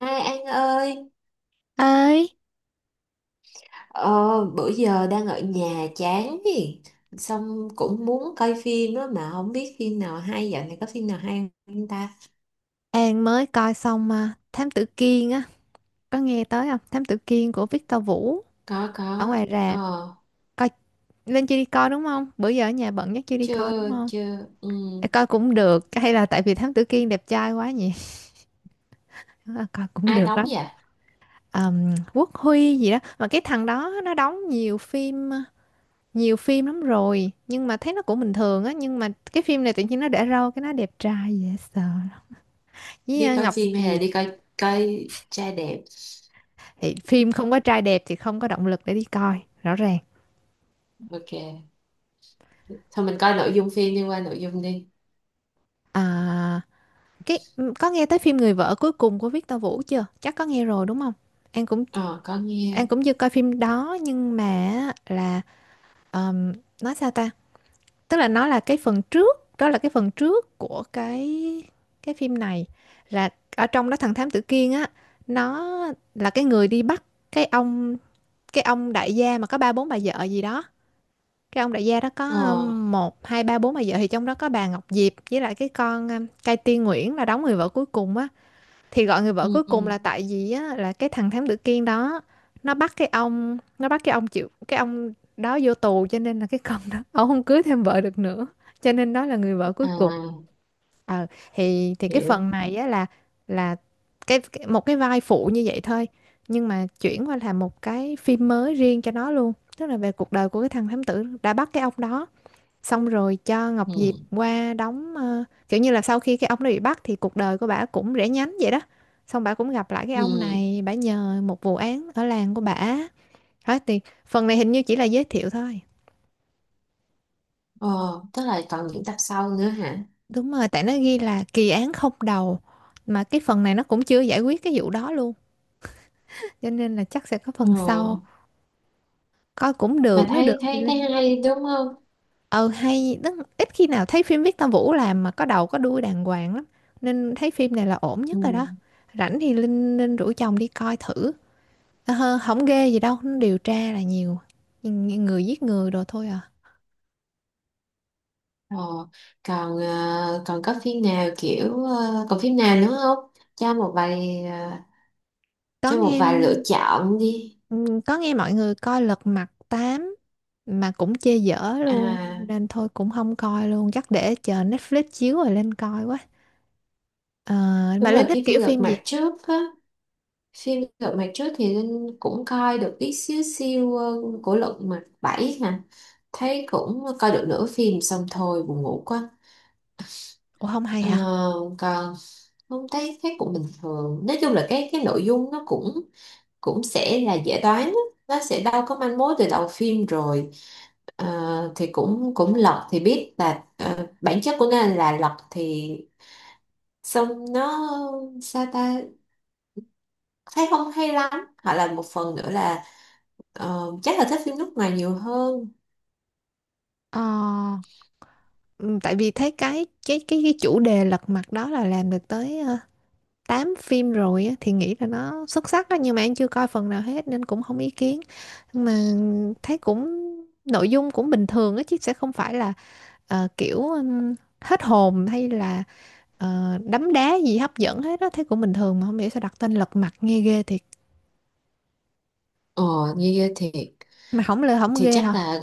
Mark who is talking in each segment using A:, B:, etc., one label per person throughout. A: Hai An ơi,
B: Ấy,
A: ờ, bữa giờ đang ở nhà chán gì, xong cũng muốn coi phim đó mà không biết phim nào hay, dạo này có phim nào hay không ta?
B: An mới coi xong à, Thám Tử Kiên á, có nghe tới không? Thám Tử Kiên của Victor Vũ ở
A: Có,
B: ngoài rạp.
A: ờ,
B: Coi lên chưa đi coi đúng không? Bữa giờ ở nhà bận nhất chưa đi coi đúng
A: chưa
B: không?
A: chưa, ừ.
B: Ê, coi cũng được, hay là tại vì Thám Tử Kiên đẹp trai quá nhỉ? Coi cũng
A: Ai
B: được
A: đóng
B: lắm.
A: vậy?
B: Quốc Huy gì đó, mà cái thằng đó nó đóng nhiều phim lắm rồi, nhưng mà thấy nó cũng bình thường á, nhưng mà cái phim này tự nhiên nó để râu cái nó đẹp trai dễ sợ. Với
A: Đi coi
B: Ngọc
A: phim hay là
B: Diệp
A: đi coi coi trai đẹp?
B: thì phim không có trai đẹp thì không có động lực để đi coi, rõ ràng.
A: Ok, thôi mình coi nội dung phim đi qua nội dung đi.
B: À, có nghe tới phim Người vợ cuối cùng của Victor Vũ chưa? Chắc có nghe rồi đúng không? An cũng
A: Ờ, có
B: An
A: nghe,
B: cũng chưa coi phim đó nhưng mà á, là ờm, nói sao ta? Tức là nó là cái phần trước, đó là cái phần trước của cái phim này là ở trong đó thằng Thám Tử Kiên á, nó là cái người đi bắt cái ông cái ông đại gia mà có ba bốn bà vợ gì đó. Cái ông đại gia đó có
A: ờ,
B: một hai ba bốn bà vợ thì trong đó có bà Ngọc Diệp với lại cái con Cai Tiên Nguyễn là đóng người vợ cuối cùng á thì gọi người vợ
A: ừ,
B: cuối
A: ừ.
B: cùng là tại vì á là cái thằng thám tử Kiên đó nó bắt cái ông chịu cái ông đó vô tù cho nên là cái con đó ông không cưới thêm vợ được nữa cho nên đó là người vợ cuối cùng.
A: À,
B: Ờ thì thì cái
A: hiểu,
B: phần này á là cái một cái vai phụ như vậy thôi, nhưng mà chuyển qua làm một cái phim mới riêng cho nó luôn, tức là về cuộc đời của cái thằng thám tử đã bắt cái ông đó, xong rồi cho Ngọc Diệp
A: ừ,
B: qua đóng kiểu như là sau khi cái ông đó bị bắt thì cuộc đời của bả cũng rẽ nhánh vậy đó, xong bả cũng gặp lại cái ông
A: ừ,
B: này bả nhờ một vụ án ở làng của bả. Hết thì phần này hình như chỉ là giới thiệu thôi.
A: ờ, tức là còn những tập sau nữa hả?
B: Đúng rồi tại nó ghi là kỳ án không đầu, mà cái phần này nó cũng chưa giải quyết cái vụ đó luôn, cho nên là chắc sẽ có
A: Ờ.
B: phần sau. Coi cũng
A: Mà
B: được nó được
A: thấy
B: thì
A: thấy thấy
B: lên.
A: hay đúng không.
B: Ờ hay tức ít khi nào thấy phim Victor Vũ làm mà có đầu có đuôi đàng hoàng lắm, nên thấy phim này là ổn
A: Ừ.
B: nhất rồi đó. Rảnh thì Linh Linh rủ chồng đi coi thử. Ờ, không ghê gì đâu nó điều tra là nhiều. Nhưng người giết người đồ thôi à.
A: Ờ. Còn còn có phim nào kiểu còn phim nào nữa không, cho một vài
B: Có
A: cho một
B: nghe.
A: vài lựa chọn đi.
B: Ừ, có nghe mọi người coi Lật Mặt 8 mà cũng chê dở luôn,
A: À
B: nên thôi cũng không coi luôn, chắc để chờ Netflix chiếu rồi lên coi quá. Ờ,
A: đúng
B: mà
A: rồi
B: Linh thích
A: cái phim
B: kiểu
A: Lật
B: phim gì?
A: Mặt Trước á. Phim Lật Mặt Trước thì Linh cũng coi được ít xíu xiu, của Lật Mặt 7 hả? Thấy cũng coi được nửa phim xong thôi, buồn ngủ quá.
B: Ủa không hay
A: Ờ,
B: hả?
A: còn không, thấy thấy cũng bình thường, nói chung là cái nội dung nó cũng cũng sẽ là dễ đoán á. Nó sẽ đâu có manh mối từ đầu phim rồi. Ờ, thì cũng cũng lật thì biết là bản chất của nó là lật thì xong nó sao ta, thấy không hay lắm. Hoặc là một phần nữa là chắc là thích phim nước ngoài nhiều hơn.
B: Ờ. Ừ, tại vì thấy cái chủ đề lật mặt đó là làm được tới 8 phim rồi á, thì nghĩ là nó xuất sắc đó, nhưng mà em chưa coi phần nào hết nên cũng không ý kiến. Nhưng mà thấy cũng nội dung cũng bình thường á, chứ sẽ không phải là kiểu hết hồn hay là đấm đá gì hấp dẫn hết đó, thấy cũng bình thường mà không hiểu sao đặt tên lật mặt nghe ghê thiệt.
A: Ờ. Như vậy thì
B: Mà không lừa không
A: thì
B: ghê
A: chắc
B: hả?
A: là.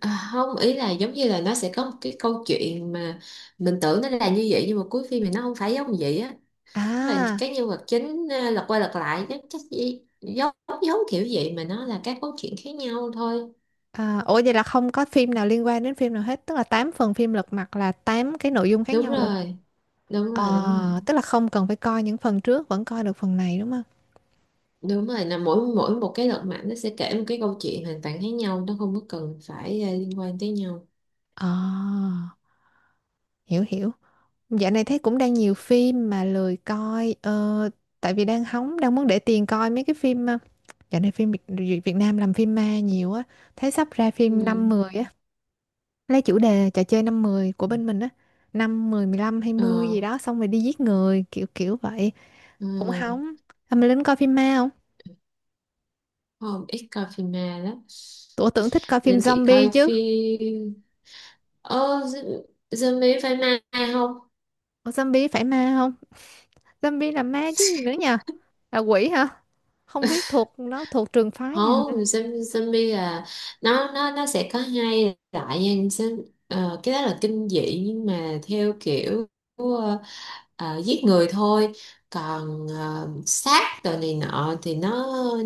A: À, không, ý là giống như là nó sẽ có một cái câu chuyện mà mình tưởng nó là như vậy nhưng mà cuối phim thì nó không phải giống vậy á. Tức là
B: À.
A: cái nhân vật chính à, lật qua lật lại, chắc chắc gì giống giống kiểu vậy mà nó là các câu chuyện khác nhau thôi.
B: À, ủa vậy là không có phim nào liên quan đến phim nào hết, tức là 8 phần phim lật mặt là 8 cái nội dung khác
A: Đúng
B: nhau luôn.
A: rồi, đúng rồi, đúng rồi,
B: Ờ, tức là không cần phải coi những phần trước vẫn coi được phần này đúng không?
A: đúng rồi. Là mỗi mỗi một cái lật mặt nó sẽ kể một cái câu chuyện hoàn toàn khác nhau, nó không có cần phải, à, liên quan tới nhau.
B: Ờ, hiểu hiểu. Dạo này thấy cũng đang nhiều phim mà lười coi tại vì đang hóng đang muốn để tiền coi mấy cái phim dạo này phim Việt, Việt Nam làm phim ma nhiều á, thấy sắp ra phim năm
A: Ừ.
B: mười á, lấy chủ đề trò chơi năm mười của bên mình á, năm mười mười lăm hai
A: Ờ,
B: mươi gì đó xong rồi đi giết người kiểu kiểu vậy,
A: ừ.
B: cũng hóng. Mà Linh coi phim ma không?
A: Không, ít coi phim ma lắm
B: Tụi tưởng thích coi phim
A: nên chị
B: zombie
A: coi
B: chứ.
A: phim. Ờ, zombie phải mai không?
B: Ủa, zombie phải ma không? Zombie là ma chứ gì nữa nhờ? Là quỷ hả? Không biết thuộc nó thuộc trường phái nào nữa.
A: Không, zombie là nó sẽ có hai loại nha. Cái đó là kinh dị nhưng mà theo kiểu ờ, giết người thôi. Còn sát đồ này nọ thì nó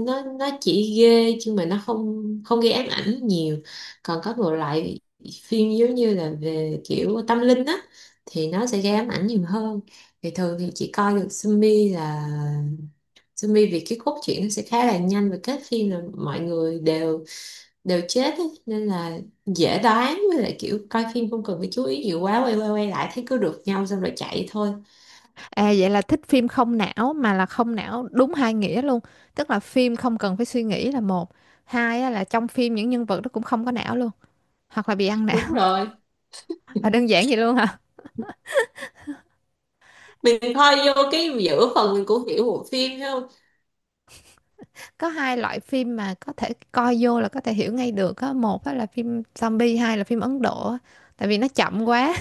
A: nó nó chỉ ghê chứ mà nó không không gây ám ảnh nhiều. Còn có một loại phim giống như là về kiểu tâm linh á, thì nó sẽ gây ám ảnh nhiều hơn. Thì thường thì chỉ coi được zombie là zombie vì cái cốt truyện nó sẽ khá là nhanh và kết phim là mọi người đều đều chết ấy. Nên là dễ đoán, với lại kiểu coi phim không cần phải chú ý nhiều quá, quay quay quay lại thấy cứ được nhau xong rồi chạy thôi.
B: À vậy là thích phim không não, mà là không não đúng hai nghĩa luôn. Tức là phim không cần phải suy nghĩ là một. Hai á, là trong phim những nhân vật nó cũng không có não luôn. Hoặc là bị ăn não.
A: Đúng rồi,
B: Là đơn giản vậy luôn hả?
A: mình coi vô cái giữa phần mình cũng hiểu bộ phim thấy không.
B: Có hai loại phim mà có thể coi vô là có thể hiểu ngay được á. Một á, là phim zombie, hai là phim Ấn Độ. Á. Tại vì nó chậm quá.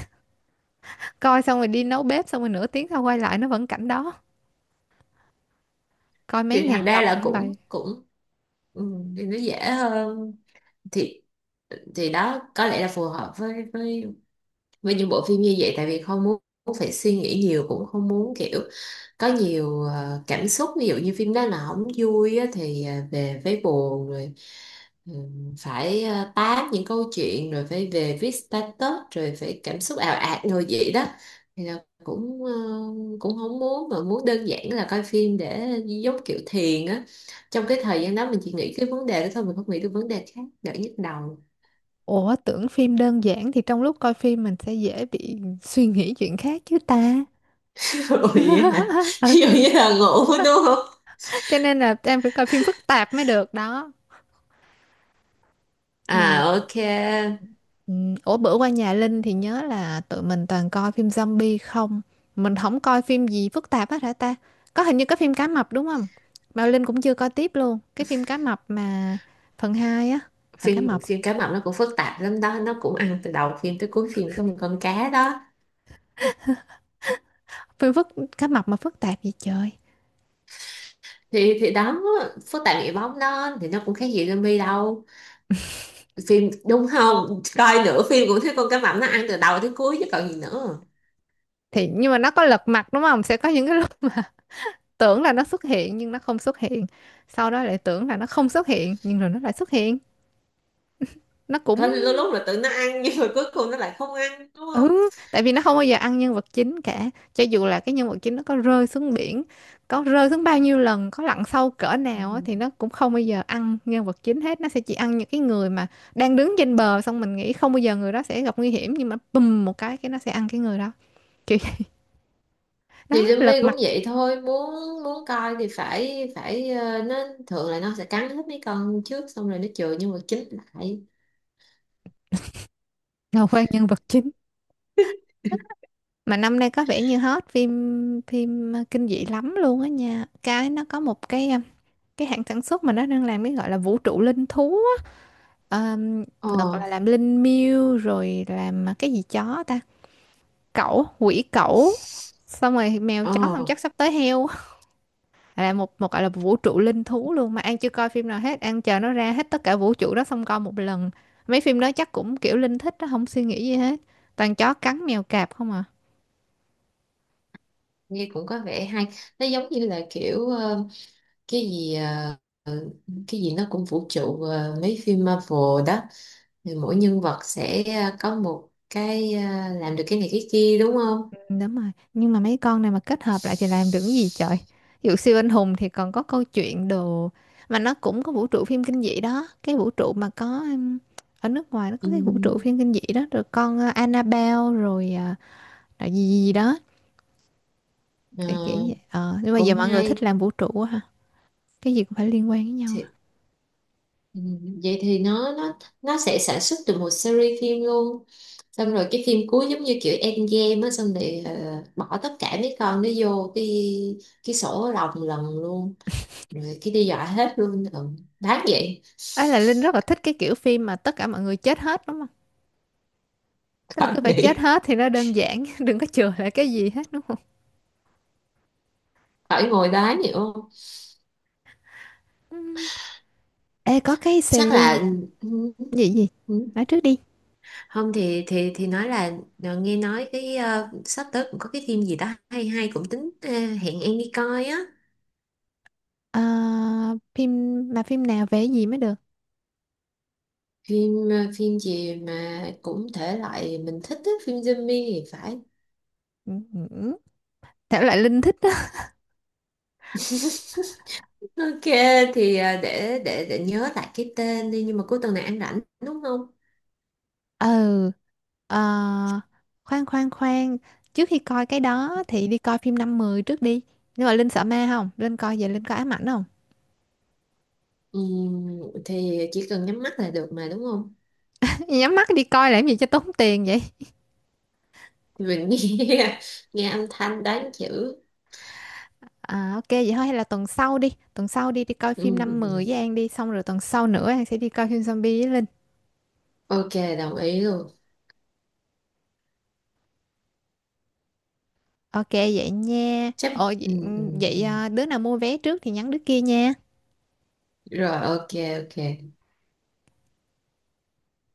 B: Coi xong rồi đi nấu bếp xong rồi nửa tiếng sau quay lại nó vẫn cảnh đó. Coi mấy
A: Thì
B: ngàn
A: thành ra
B: tập
A: là
B: vẫn
A: cũng
B: vậy.
A: cũng ừ, thì nó dễ hơn, thì thì đó có lẽ là phù hợp với với những bộ phim như vậy, tại vì không muốn phải suy nghĩ nhiều, cũng không muốn kiểu có nhiều cảm xúc. Ví dụ như phim đó là không vui á, thì về phải buồn rồi. Ừ, phải tám những câu chuyện rồi phải về viết status rồi phải cảm xúc ào ạt rồi vậy đó. Thì là cũng cũng không muốn, mà muốn đơn giản là coi phim để giống kiểu thiền á, trong cái thời gian đó mình chỉ nghĩ cái vấn đề đó thôi, mình không nghĩ được vấn đề khác, đỡ nhức đầu.
B: Ủa tưởng phim đơn giản thì trong lúc coi phim mình sẽ dễ bị suy nghĩ chuyện khác chứ ta.
A: Ôi vậy hả. Ví dụ như là ngủ đúng không.
B: Ừ, cho nên là em phải coi phim phức tạp mới được đó. Mà
A: À, ok.
B: ủa bữa qua nhà Linh thì nhớ là tụi mình toàn coi phim zombie không? Mình không coi phim gì phức tạp hết hả ta? Có hình như có phim cá mập đúng không? Mà Linh cũng chưa coi tiếp luôn. Cái phim cá mập mà phần 2 á. Phải cá
A: phim
B: mập.
A: phim cá mập nó cũng phức tạp lắm đó, nó cũng ăn từ đầu phim tới cuối phim trong một con cá đó.
B: Phim cá mập mà phức tạp vậy trời.
A: Thì đó, phức tạp nghĩa bóng đó, thì nó cũng khác gì zombie đâu. Phim đúng không, coi nửa phim cũng thấy con cá mập nó ăn từ đầu tới cuối chứ còn gì nữa.
B: Thì nhưng mà nó có lật mặt đúng không? Sẽ có những cái lúc mà tưởng là nó xuất hiện nhưng nó không xuất hiện, sau đó lại tưởng là nó không xuất hiện nhưng rồi nó lại xuất hiện, nó
A: Có
B: cũng.
A: lúc lúc là tự nó ăn nhưng mà cuối cùng nó lại không ăn đúng không.
B: Ừ tại vì nó không bao giờ ăn nhân vật chính cả, cho dù là cái nhân vật chính nó có rơi xuống biển, có rơi xuống bao nhiêu lần, có lặn sâu cỡ nào á,
A: Ừ.
B: thì nó cũng không bao giờ ăn nhân vật chính hết, nó sẽ chỉ ăn những cái người mà đang đứng trên bờ, xong mình nghĩ không bao giờ người đó sẽ gặp nguy hiểm nhưng mà bùm một cái nó sẽ ăn cái người đó, kiểu đó
A: Thì zombie
B: lật
A: cũng
B: mặt
A: vậy thôi, muốn muốn coi thì phải phải nó thường là nó sẽ cắn hết mấy con trước xong rồi nó chừa nhưng mà chín lại.
B: là quen nhân vật chính. Mà năm nay có vẻ như hot phim phim ờ, kinh dị lắm luôn á nha, cái nó có một cái cái hãng sản xuất mà nó đang làm cái gọi là vũ trụ linh thú á. Đợt
A: Ờ,
B: là làm linh miêu rồi làm cái gì chó ta, cẩu quỷ cẩu, xong rồi mèo chó xong
A: ờ,
B: chắc sắp tới heo, là một một gọi là vũ trụ linh thú luôn, mà An chưa coi phim nào hết, An chờ nó ra hết tất cả vũ trụ đó xong coi một lần. Mấy phim đó chắc cũng kiểu Linh thích đó, không suy nghĩ gì hết, toàn chó cắn mèo cạp không à.
A: nghe cũng có vẻ hay. Nó giống như là kiểu cái gì ờ, cái gì nó cũng vũ trụ mấy phim Marvel đó, thì mỗi nhân vật sẽ có một cái làm được cái này cái kia đúng không.
B: Đúng rồi, nhưng mà mấy con này mà kết hợp lại thì làm được cái gì trời? Ví dụ siêu anh hùng thì còn có câu chuyện đồ, mà nó cũng có vũ trụ phim kinh dị đó, cái vũ trụ mà có ở nước ngoài nó có cái vũ trụ
A: Ừm,
B: phim kinh dị đó rồi con Annabelle rồi là gì, gì gì đó
A: ờ,
B: để kiểu vậy. Ờ, nhưng mà giờ
A: cũng
B: mọi người
A: hay.
B: thích làm vũ trụ quá ha. Cái gì cũng phải liên quan với nhau. Á.
A: Thì, vậy thì nó sẽ sản xuất được một series phim luôn, xong rồi cái phim cuối giống như kiểu Endgame á, xong rồi bỏ tất cả mấy con nó vô cái sổ lồng lần luôn, rồi cái đi dọa hết luôn. Ừ. Đáng vậy.
B: Ấy là Linh rất là thích cái kiểu phim mà tất cả mọi người chết hết đúng không? Tức là
A: Khỏi
B: cứ phải chết
A: nghĩ,
B: hết thì nó đơn giản, đừng có chừa lại cái gì hết đúng không?
A: khỏi ngồi đó nhiều không?
B: Ừ. Ê có cái
A: Chắc
B: series
A: là ừ,
B: gì gì?
A: ừ.
B: Nói trước đi.
A: Không thì nói là nghe nói cái sắp tới cũng có cái phim gì đó hay hay cũng tính hẹn em đi coi á.
B: Ờ, phim mà phim nào vẽ gì mới được.
A: Phim phim gì mà cũng thể loại mình thích á, phim zombie thì phải.
B: Ừ, ừ. Thể loại Linh thích á.
A: Ok. Thì để nhớ lại cái tên đi, nhưng mà cuối tuần này ăn rảnh đúng không.
B: Ừ. Ờ, khoan khoan khoan trước khi coi cái đó thì đi coi phim năm mười trước đi, nhưng mà Linh sợ ma không, Linh coi về Linh có ám ảnh không?
A: Ừm, thì chỉ cần nhắm mắt là được mà đúng không.
B: Nhắm mắt đi coi làm gì cho tốn tiền vậy?
A: Mình nghe nghe âm thanh đánh chữ.
B: À, ok vậy thôi hay là tuần sau đi, tuần sau đi đi coi phim năm
A: Ừ.
B: mười với An đi, xong rồi tuần sau nữa An sẽ đi coi phim zombie với Linh.
A: Ok đồng ý luôn.
B: Ok vậy nha,
A: Chấp.
B: ồ
A: Ừ,
B: vậy,
A: ừ,
B: vậy
A: ừ.
B: à, đứa nào mua vé trước thì nhắn đứa kia nha.
A: Rồi ok. Ok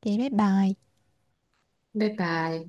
B: Vậy bye bye.
A: bye bye.